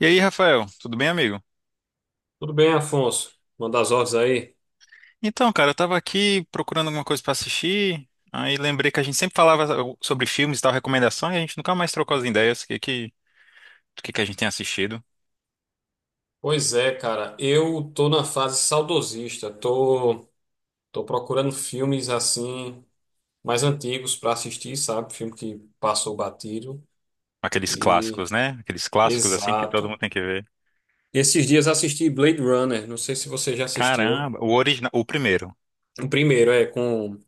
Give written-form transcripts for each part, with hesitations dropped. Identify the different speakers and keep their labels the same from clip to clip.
Speaker 1: E aí, Rafael, tudo bem, amigo?
Speaker 2: Tudo bem, Afonso? Manda as ordens aí.
Speaker 1: Então, cara, eu tava aqui procurando alguma coisa pra assistir, aí lembrei que a gente sempre falava sobre filmes e tal, recomendação, e a gente nunca mais trocou as ideias do que a gente tem assistido.
Speaker 2: Pois é, cara, eu tô na fase saudosista. Tô procurando filmes assim mais antigos pra assistir, sabe? Filme que passou batido.
Speaker 1: Aqueles
Speaker 2: E
Speaker 1: clássicos, né? Aqueles clássicos assim que todo
Speaker 2: Exato.
Speaker 1: mundo tem que ver.
Speaker 2: Esses dias assisti Blade Runner, não sei se você já assistiu.
Speaker 1: Caramba, o original, o primeiro,
Speaker 2: O primeiro é com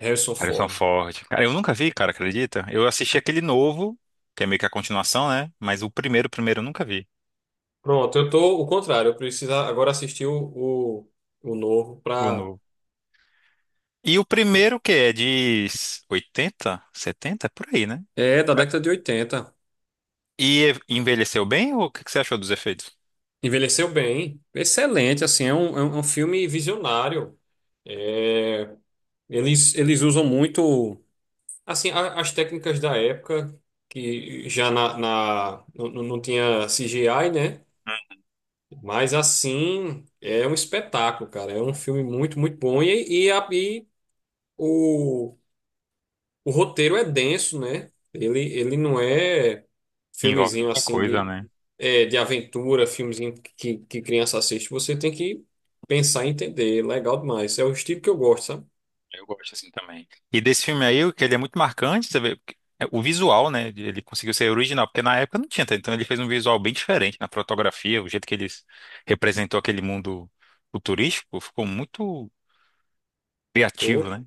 Speaker 2: Harrison
Speaker 1: Harrison
Speaker 2: Ford.
Speaker 1: Ford. Cara, eu nunca vi, cara, acredita? Eu assisti aquele novo, que é meio que a continuação, né? Mas o primeiro eu nunca vi,
Speaker 2: Pronto, eu tô o contrário, eu preciso agora assistir o novo
Speaker 1: o
Speaker 2: pra.
Speaker 1: novo. E o primeiro que é de 80, 70, por aí, né?
Speaker 2: É, da década de 80.
Speaker 1: E envelheceu bem ou o que que você achou dos efeitos?
Speaker 2: Envelheceu bem, excelente, assim, é um filme visionário. É, eles usam muito, assim, as técnicas da época, que já não, não tinha CGI, né? Mas, assim, é um espetáculo, cara. É um filme muito, muito bom. E o, o roteiro é denso, né? Ele não é.
Speaker 1: Envolve
Speaker 2: Filmezinho
Speaker 1: muita
Speaker 2: assim
Speaker 1: coisa,
Speaker 2: de,
Speaker 1: né?
Speaker 2: é, de aventura, filmezinho que criança assiste, você tem que pensar e entender. Legal demais. É o estilo que eu gosto, sabe?
Speaker 1: Eu gosto assim também. E desse filme aí, o que ele é muito marcante, você vê, porque é o visual, né? Ele conseguiu ser original, porque na época não tinha, tá? Então ele fez um visual bem diferente na fotografia, o jeito que ele representou aquele mundo futurístico, ficou muito criativo,
Speaker 2: Pô,
Speaker 1: né?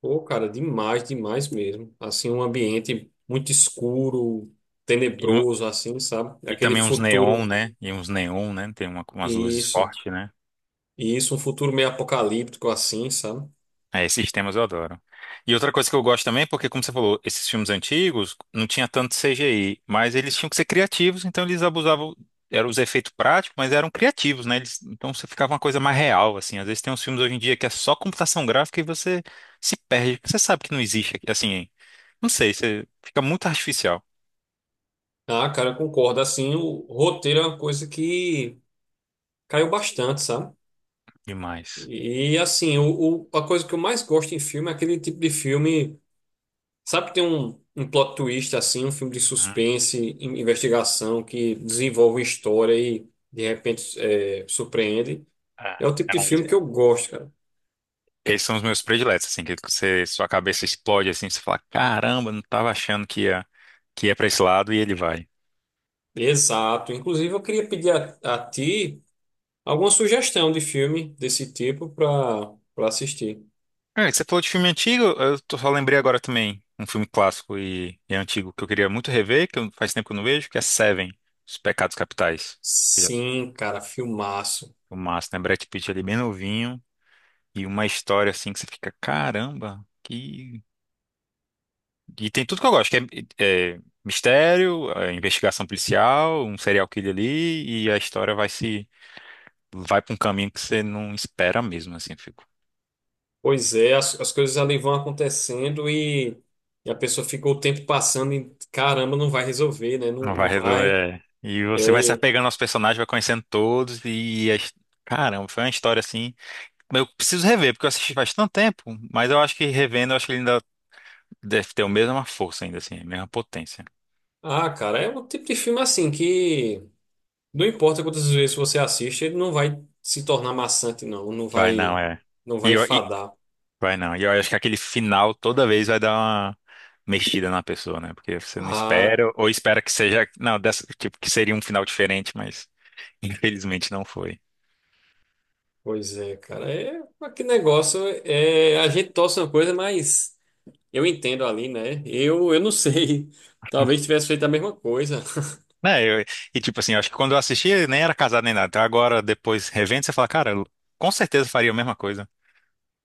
Speaker 2: pô, cara, demais, demais mesmo. Assim, um ambiente muito escuro,
Speaker 1: E, um-
Speaker 2: tenebroso, assim, sabe?
Speaker 1: e
Speaker 2: Aquele
Speaker 1: também uns neon,
Speaker 2: futuro.
Speaker 1: né? E uns neon, né? Umas luzes
Speaker 2: Isso.
Speaker 1: fortes, né?
Speaker 2: E isso, um futuro meio apocalíptico, assim, sabe?
Speaker 1: É, esses temas eu adoro. E outra coisa que eu gosto também, porque como você falou, esses filmes antigos não tinha tanto CGI, mas eles tinham que ser criativos, então eles abusavam, eram os efeitos práticos, mas eram criativos, né? Então você ficava uma coisa mais real, assim. Às vezes tem uns filmes hoje em dia que é só computação gráfica e você se perde, porque você sabe que não existe, aqui, assim, não sei, você fica muito artificial
Speaker 2: Ah, cara, eu concordo. Assim, o roteiro é uma coisa que caiu bastante, sabe?
Speaker 1: demais.
Speaker 2: E assim, a coisa que eu mais gosto em filme é aquele tipo de filme. Sabe que tem um plot twist assim, um filme de
Speaker 1: Hum,
Speaker 2: suspense, investigação que desenvolve uma história e de repente é, surpreende.
Speaker 1: é.
Speaker 2: É o tipo de
Speaker 1: É um-
Speaker 2: filme que eu gosto, cara.
Speaker 1: Esses são os meus prediletos, assim, que você, sua cabeça explode, assim, você fala, caramba, não tava achando que ia pra esse lado e ele vai.
Speaker 2: Exato. Inclusive, eu queria pedir a ti alguma sugestão de filme desse tipo para para assistir.
Speaker 1: É, você falou de filme antigo, só lembrei agora também um filme clássico e antigo que eu queria muito rever, faz tempo que eu não vejo, que é Seven, Os Pecados Capitais. Que é
Speaker 2: Sim, cara, filmaço.
Speaker 1: o massa, né? Brad Pitt ali bem novinho e uma história assim que você fica, caramba, que... E tem tudo que eu gosto, é mistério, é investigação policial, um serial killer ali e a história vai se... vai pra um caminho que você não espera mesmo, assim.
Speaker 2: Pois é, as coisas ali vão acontecendo e a pessoa fica o tempo passando e caramba, não vai resolver, né?
Speaker 1: Não
Speaker 2: Não,
Speaker 1: vai
Speaker 2: não vai.
Speaker 1: resolver. É. E você vai se
Speaker 2: É,
Speaker 1: apegando aos personagens, vai conhecendo todos Caramba, foi uma história assim... Eu preciso rever, porque eu assisti faz tanto tempo, mas eu acho que revendo, eu acho que ele ainda deve ter a mesma força ainda, assim, a mesma potência.
Speaker 2: ah, cara, é um tipo de filme assim que não importa quantas vezes você assiste, ele não vai se tornar maçante, não,
Speaker 1: Vai não, é.
Speaker 2: não
Speaker 1: E,
Speaker 2: vai
Speaker 1: eu- e...
Speaker 2: enfadar.
Speaker 1: Vai não. E eu acho que aquele final toda vez vai dar uma mexida na pessoa, né? Porque você não
Speaker 2: Ah,
Speaker 1: espera, ou espera que seja... Não, dessa... tipo, que seria um final diferente, mas infelizmente não foi.
Speaker 2: pois é, cara, é mas que negócio é a gente torce uma coisa, mas eu entendo ali, né? Eu não sei, talvez tivesse feito a mesma coisa.
Speaker 1: Né, eu- e tipo assim, eu acho que quando eu assisti, ele nem era casado nem nada. Então agora, depois, revendo, você fala, cara, eu com certeza faria a mesma coisa.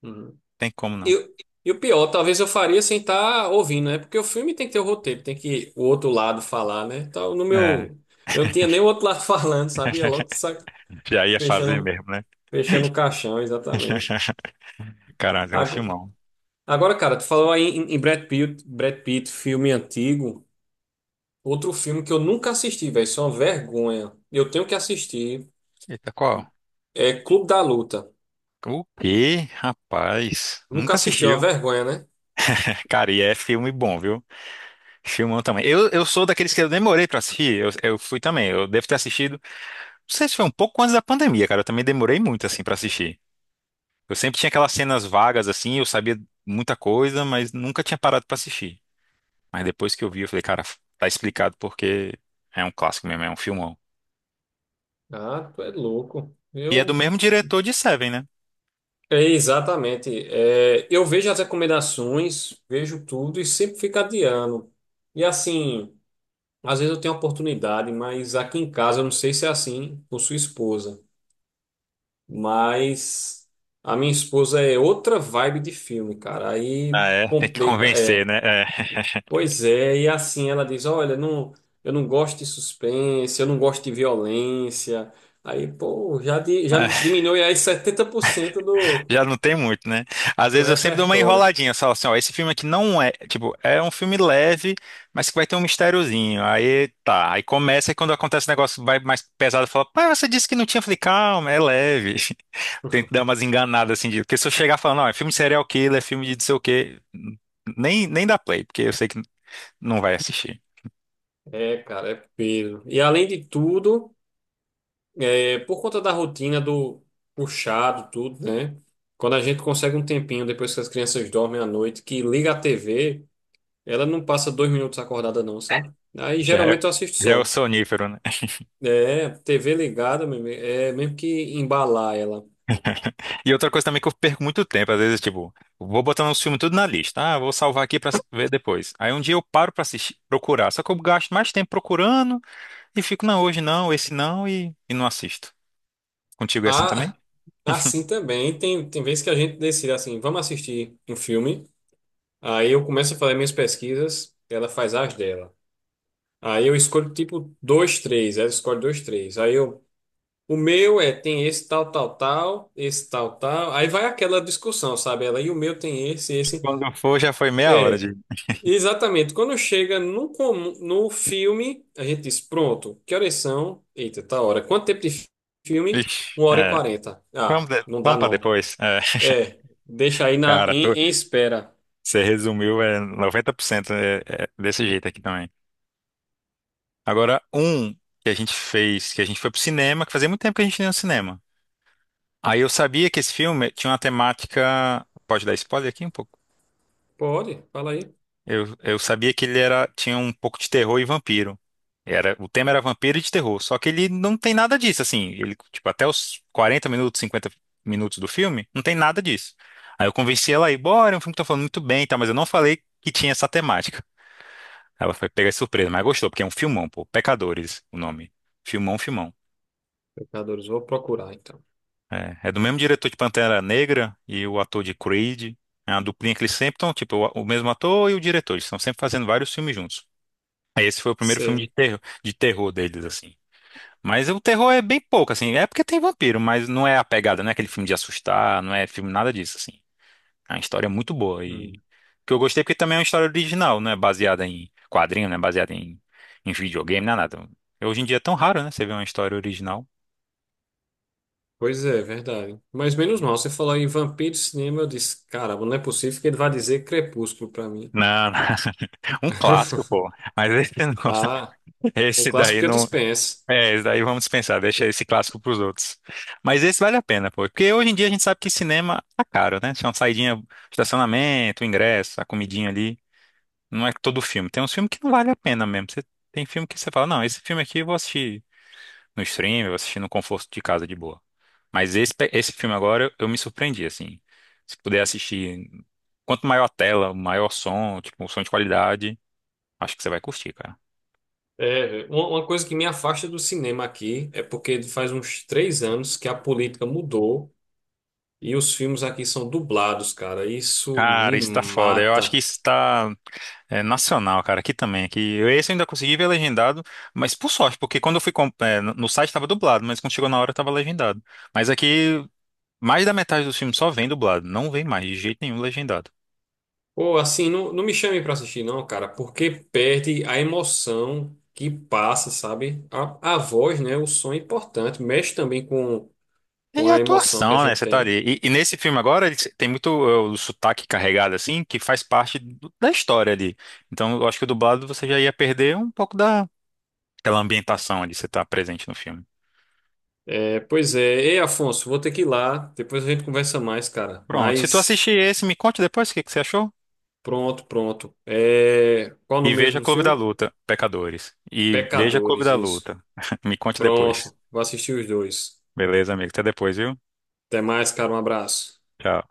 Speaker 2: Uhum.
Speaker 1: Tem como não.
Speaker 2: Eu, e o pior, talvez eu faria sem estar ouvindo, né? Porque o filme tem que ter o roteiro, tem que o outro lado falar, né? Então, no
Speaker 1: É,
Speaker 2: meu, eu não tinha nem o outro lado falando, sabia? Logo,
Speaker 1: já ia fazer
Speaker 2: Fechando,
Speaker 1: mesmo, né?
Speaker 2: fechando o caixão, exatamente.
Speaker 1: Caralho, é um
Speaker 2: Ago-
Speaker 1: filmão.
Speaker 2: Agora, cara, tu falou aí em Brad Pitt, Brad Pitt, filme antigo. Outro filme que eu nunca assisti, velho, isso é uma vergonha. Eu tenho que assistir.
Speaker 1: Eita, qual?
Speaker 2: É Clube da Luta.
Speaker 1: O quê? Rapaz,
Speaker 2: Nunca
Speaker 1: nunca
Speaker 2: assisti, é uma
Speaker 1: assistiu.
Speaker 2: vergonha, né?
Speaker 1: Cara, e é filme bom, viu? Filmão também. Eu sou daqueles que eu demorei pra assistir. Eu fui também. Eu devo ter assistido. Não sei se foi um pouco antes da pandemia, cara. Eu também demorei muito, assim, pra assistir. Eu sempre tinha aquelas cenas vagas assim, eu sabia muita coisa, mas nunca tinha parado pra assistir. Mas depois que eu vi, eu falei, cara, tá explicado porque é um clássico mesmo, é um filmão.
Speaker 2: Ah, tu é louco.
Speaker 1: E é do
Speaker 2: Eu.
Speaker 1: mesmo diretor de Seven, né?
Speaker 2: É, exatamente. É, eu vejo as recomendações, vejo tudo e sempre fico adiando. E assim, às vezes eu tenho oportunidade, mas aqui em casa eu não sei se é assim com sua esposa. Mas a minha esposa é outra vibe de filme, cara. Aí
Speaker 1: Ah, é? Tem que
Speaker 2: complica.
Speaker 1: convencer,
Speaker 2: É,
Speaker 1: né? É.
Speaker 2: pois é, e assim ela diz: Olha, não, eu não gosto de suspense, eu não gosto de violência. Aí, pô, já, já diminuiu aí 70%
Speaker 1: Já não tem muito, né? Às
Speaker 2: do
Speaker 1: vezes eu sempre dou uma
Speaker 2: repertório.
Speaker 1: enroladinha, só assim, ó, esse filme aqui não é, tipo, é um filme leve, mas que vai ter um mistériozinho. Aí tá, aí começa e quando acontece o negócio vai mais pesado, fala, pai, você disse que não tinha. Eu falei, calma, é leve. Tento dar umas enganadas assim, de, porque se eu chegar falando, não, é filme de serial killer, é filme de não sei o quê, nem dá play, porque eu sei que não vai assistir.
Speaker 2: É, cara, é peso. E além de tudo, é, por conta da rotina do puxado, tudo, né? Quando a gente consegue um tempinho depois que as crianças dormem à noite, que liga a TV. Ela não passa 2 minutos acordada, não, sabe? Aí
Speaker 1: Já é,
Speaker 2: geralmente eu assisto
Speaker 1: já é o
Speaker 2: só.
Speaker 1: sonífero, né?
Speaker 2: É, TV ligada mesmo. É mesmo que embalar ela.
Speaker 1: E outra coisa também que eu perco muito tempo, às vezes, tipo, vou botando os filmes tudo na lista. Ah, vou salvar aqui pra ver depois. Aí um dia eu paro pra assistir, procurar. Só que eu gasto mais tempo procurando e fico, não, hoje não, esse não, e não assisto. Contigo é assim também?
Speaker 2: Ah, assim também. Tem vezes que a gente decide assim: vamos assistir um filme. Aí eu começo a fazer minhas pesquisas, ela faz as dela. Aí eu escolho tipo dois, três. Ela escolhe dois, três. Aí eu. O meu é, tem esse tal, tal, tal, esse tal, tal. Aí vai aquela discussão, sabe? Ela, e o meu tem esse, esse.
Speaker 1: Quando for, já foi meia hora
Speaker 2: É.
Speaker 1: de.
Speaker 2: Exatamente. Quando chega no filme, a gente diz, pronto, que horas são? Eita, tá hora. Quanto tempo de filme?
Speaker 1: Ixi,
Speaker 2: Uma hora e
Speaker 1: é.
Speaker 2: quarenta. Ah, não dá
Speaker 1: Vamos pra
Speaker 2: não.
Speaker 1: depois. É.
Speaker 2: É, deixa aí
Speaker 1: Cara,
Speaker 2: em espera.
Speaker 1: você resumiu, é 90% é, é desse jeito aqui também. Agora, um que a gente fez, que a gente foi pro cinema, que fazia muito tempo que a gente não ia no cinema. Aí eu sabia que esse filme tinha uma temática. Pode dar spoiler aqui um pouco?
Speaker 2: Pode, fala aí.
Speaker 1: Eu sabia que ele era, tinha um pouco de terror e vampiro. Era, o tema era vampiro e de terror. Só que ele não tem nada disso, assim. Ele, tipo, até os 40 minutos, 50 minutos do filme, não tem nada disso. Aí eu convenci ela a ir, bora, é um filme que tá falando muito bem, tá? Mas eu não falei que tinha essa temática. Ela foi pegar de surpresa, mas gostou, porque é um filmão, pô. Pecadores, o nome. Filmão, filmão.
Speaker 2: Pecadores, vou procurar então.
Speaker 1: É, é do mesmo diretor de Pantera Negra e o ator de Creed. É uma duplinha que eles sempre estão, tipo, o mesmo ator e o diretor. Eles estão sempre fazendo vários filmes juntos. Aí esse foi o primeiro filme
Speaker 2: Sei.
Speaker 1: de terror deles, assim. Mas o terror é bem pouco, assim. É porque tem vampiro, mas não é a pegada, não é aquele filme de assustar, não é filme nada disso, assim. É uma história muito boa. E
Speaker 2: Hum,
Speaker 1: que eu gostei é porque também é uma história original, não é baseada em quadrinho, não é baseada em videogame, não é nada. Hoje em dia é tão raro, né? Você vê uma história original.
Speaker 2: Pois é, verdade. Mas menos mal, você falou em vampiro de cinema, eu disse, caramba, não é possível que ele vá dizer Crepúsculo pra mim.
Speaker 1: Não, um clássico, pô. Mas esse não.
Speaker 2: Ah, um
Speaker 1: Esse
Speaker 2: clássico
Speaker 1: daí
Speaker 2: que eu
Speaker 1: não.
Speaker 2: dispenso.
Speaker 1: É, esse daí vamos dispensar, deixa esse clássico pros outros. Mas esse vale a pena, pô. Porque hoje em dia a gente sabe que cinema tá caro, né? Se é uma saidinha, estacionamento, ingresso, a comidinha ali. Não é todo filme. Tem uns filmes que não vale a pena mesmo. Tem filme que você fala, não, esse filme aqui eu vou assistir no stream, eu vou assistir no conforto de casa de boa. Mas esse, esse filme agora eu me surpreendi, assim. Se puder assistir, quanto maior a tela, maior som, tipo, um som de qualidade, acho que você vai curtir, cara.
Speaker 2: É, uma coisa que me afasta do cinema aqui é porque faz uns 3 anos que a política mudou e os filmes aqui são dublados, cara. Isso
Speaker 1: Cara,
Speaker 2: me
Speaker 1: isso tá foda. Eu acho que
Speaker 2: mata.
Speaker 1: isso tá. É nacional, cara, aqui também. Esse eu ainda consegui ver legendado, mas por sorte, porque quando eu fui no site estava dublado, mas quando chegou na hora estava legendado. Mas aqui, mais da metade dos filmes só vem dublado, não vem mais de jeito nenhum legendado.
Speaker 2: Ou assim, não, não me chame pra assistir, não, cara, porque perde a emoção que passa, sabe? A voz, né? O som é importante, mexe também com
Speaker 1: E a
Speaker 2: a emoção que a
Speaker 1: atuação, né?
Speaker 2: gente
Speaker 1: Você tá
Speaker 2: tem. Né?
Speaker 1: ali. E nesse filme agora, ele tem muito é, o sotaque carregado, assim, que faz parte da história ali. Então, eu acho que o dublado você já ia perder um pouco daquela ambientação ali, você tá presente no filme.
Speaker 2: É, pois é. Ei, Afonso, vou ter que ir lá. Depois a gente conversa mais, cara.
Speaker 1: Pronto. Se tu
Speaker 2: Mas
Speaker 1: assistir esse, me conte depois o que que você achou.
Speaker 2: pronto, pronto. É, qual o
Speaker 1: E
Speaker 2: nome mesmo
Speaker 1: veja
Speaker 2: do
Speaker 1: Clube da
Speaker 2: filme?
Speaker 1: Luta, pecadores. E veja Clube
Speaker 2: Pecadores,
Speaker 1: da
Speaker 2: isso.
Speaker 1: Luta. Me conte depois.
Speaker 2: Pronto, vou assistir os dois.
Speaker 1: Beleza, amigo? Até depois, viu?
Speaker 2: Até mais, cara, um abraço.
Speaker 1: Tchau.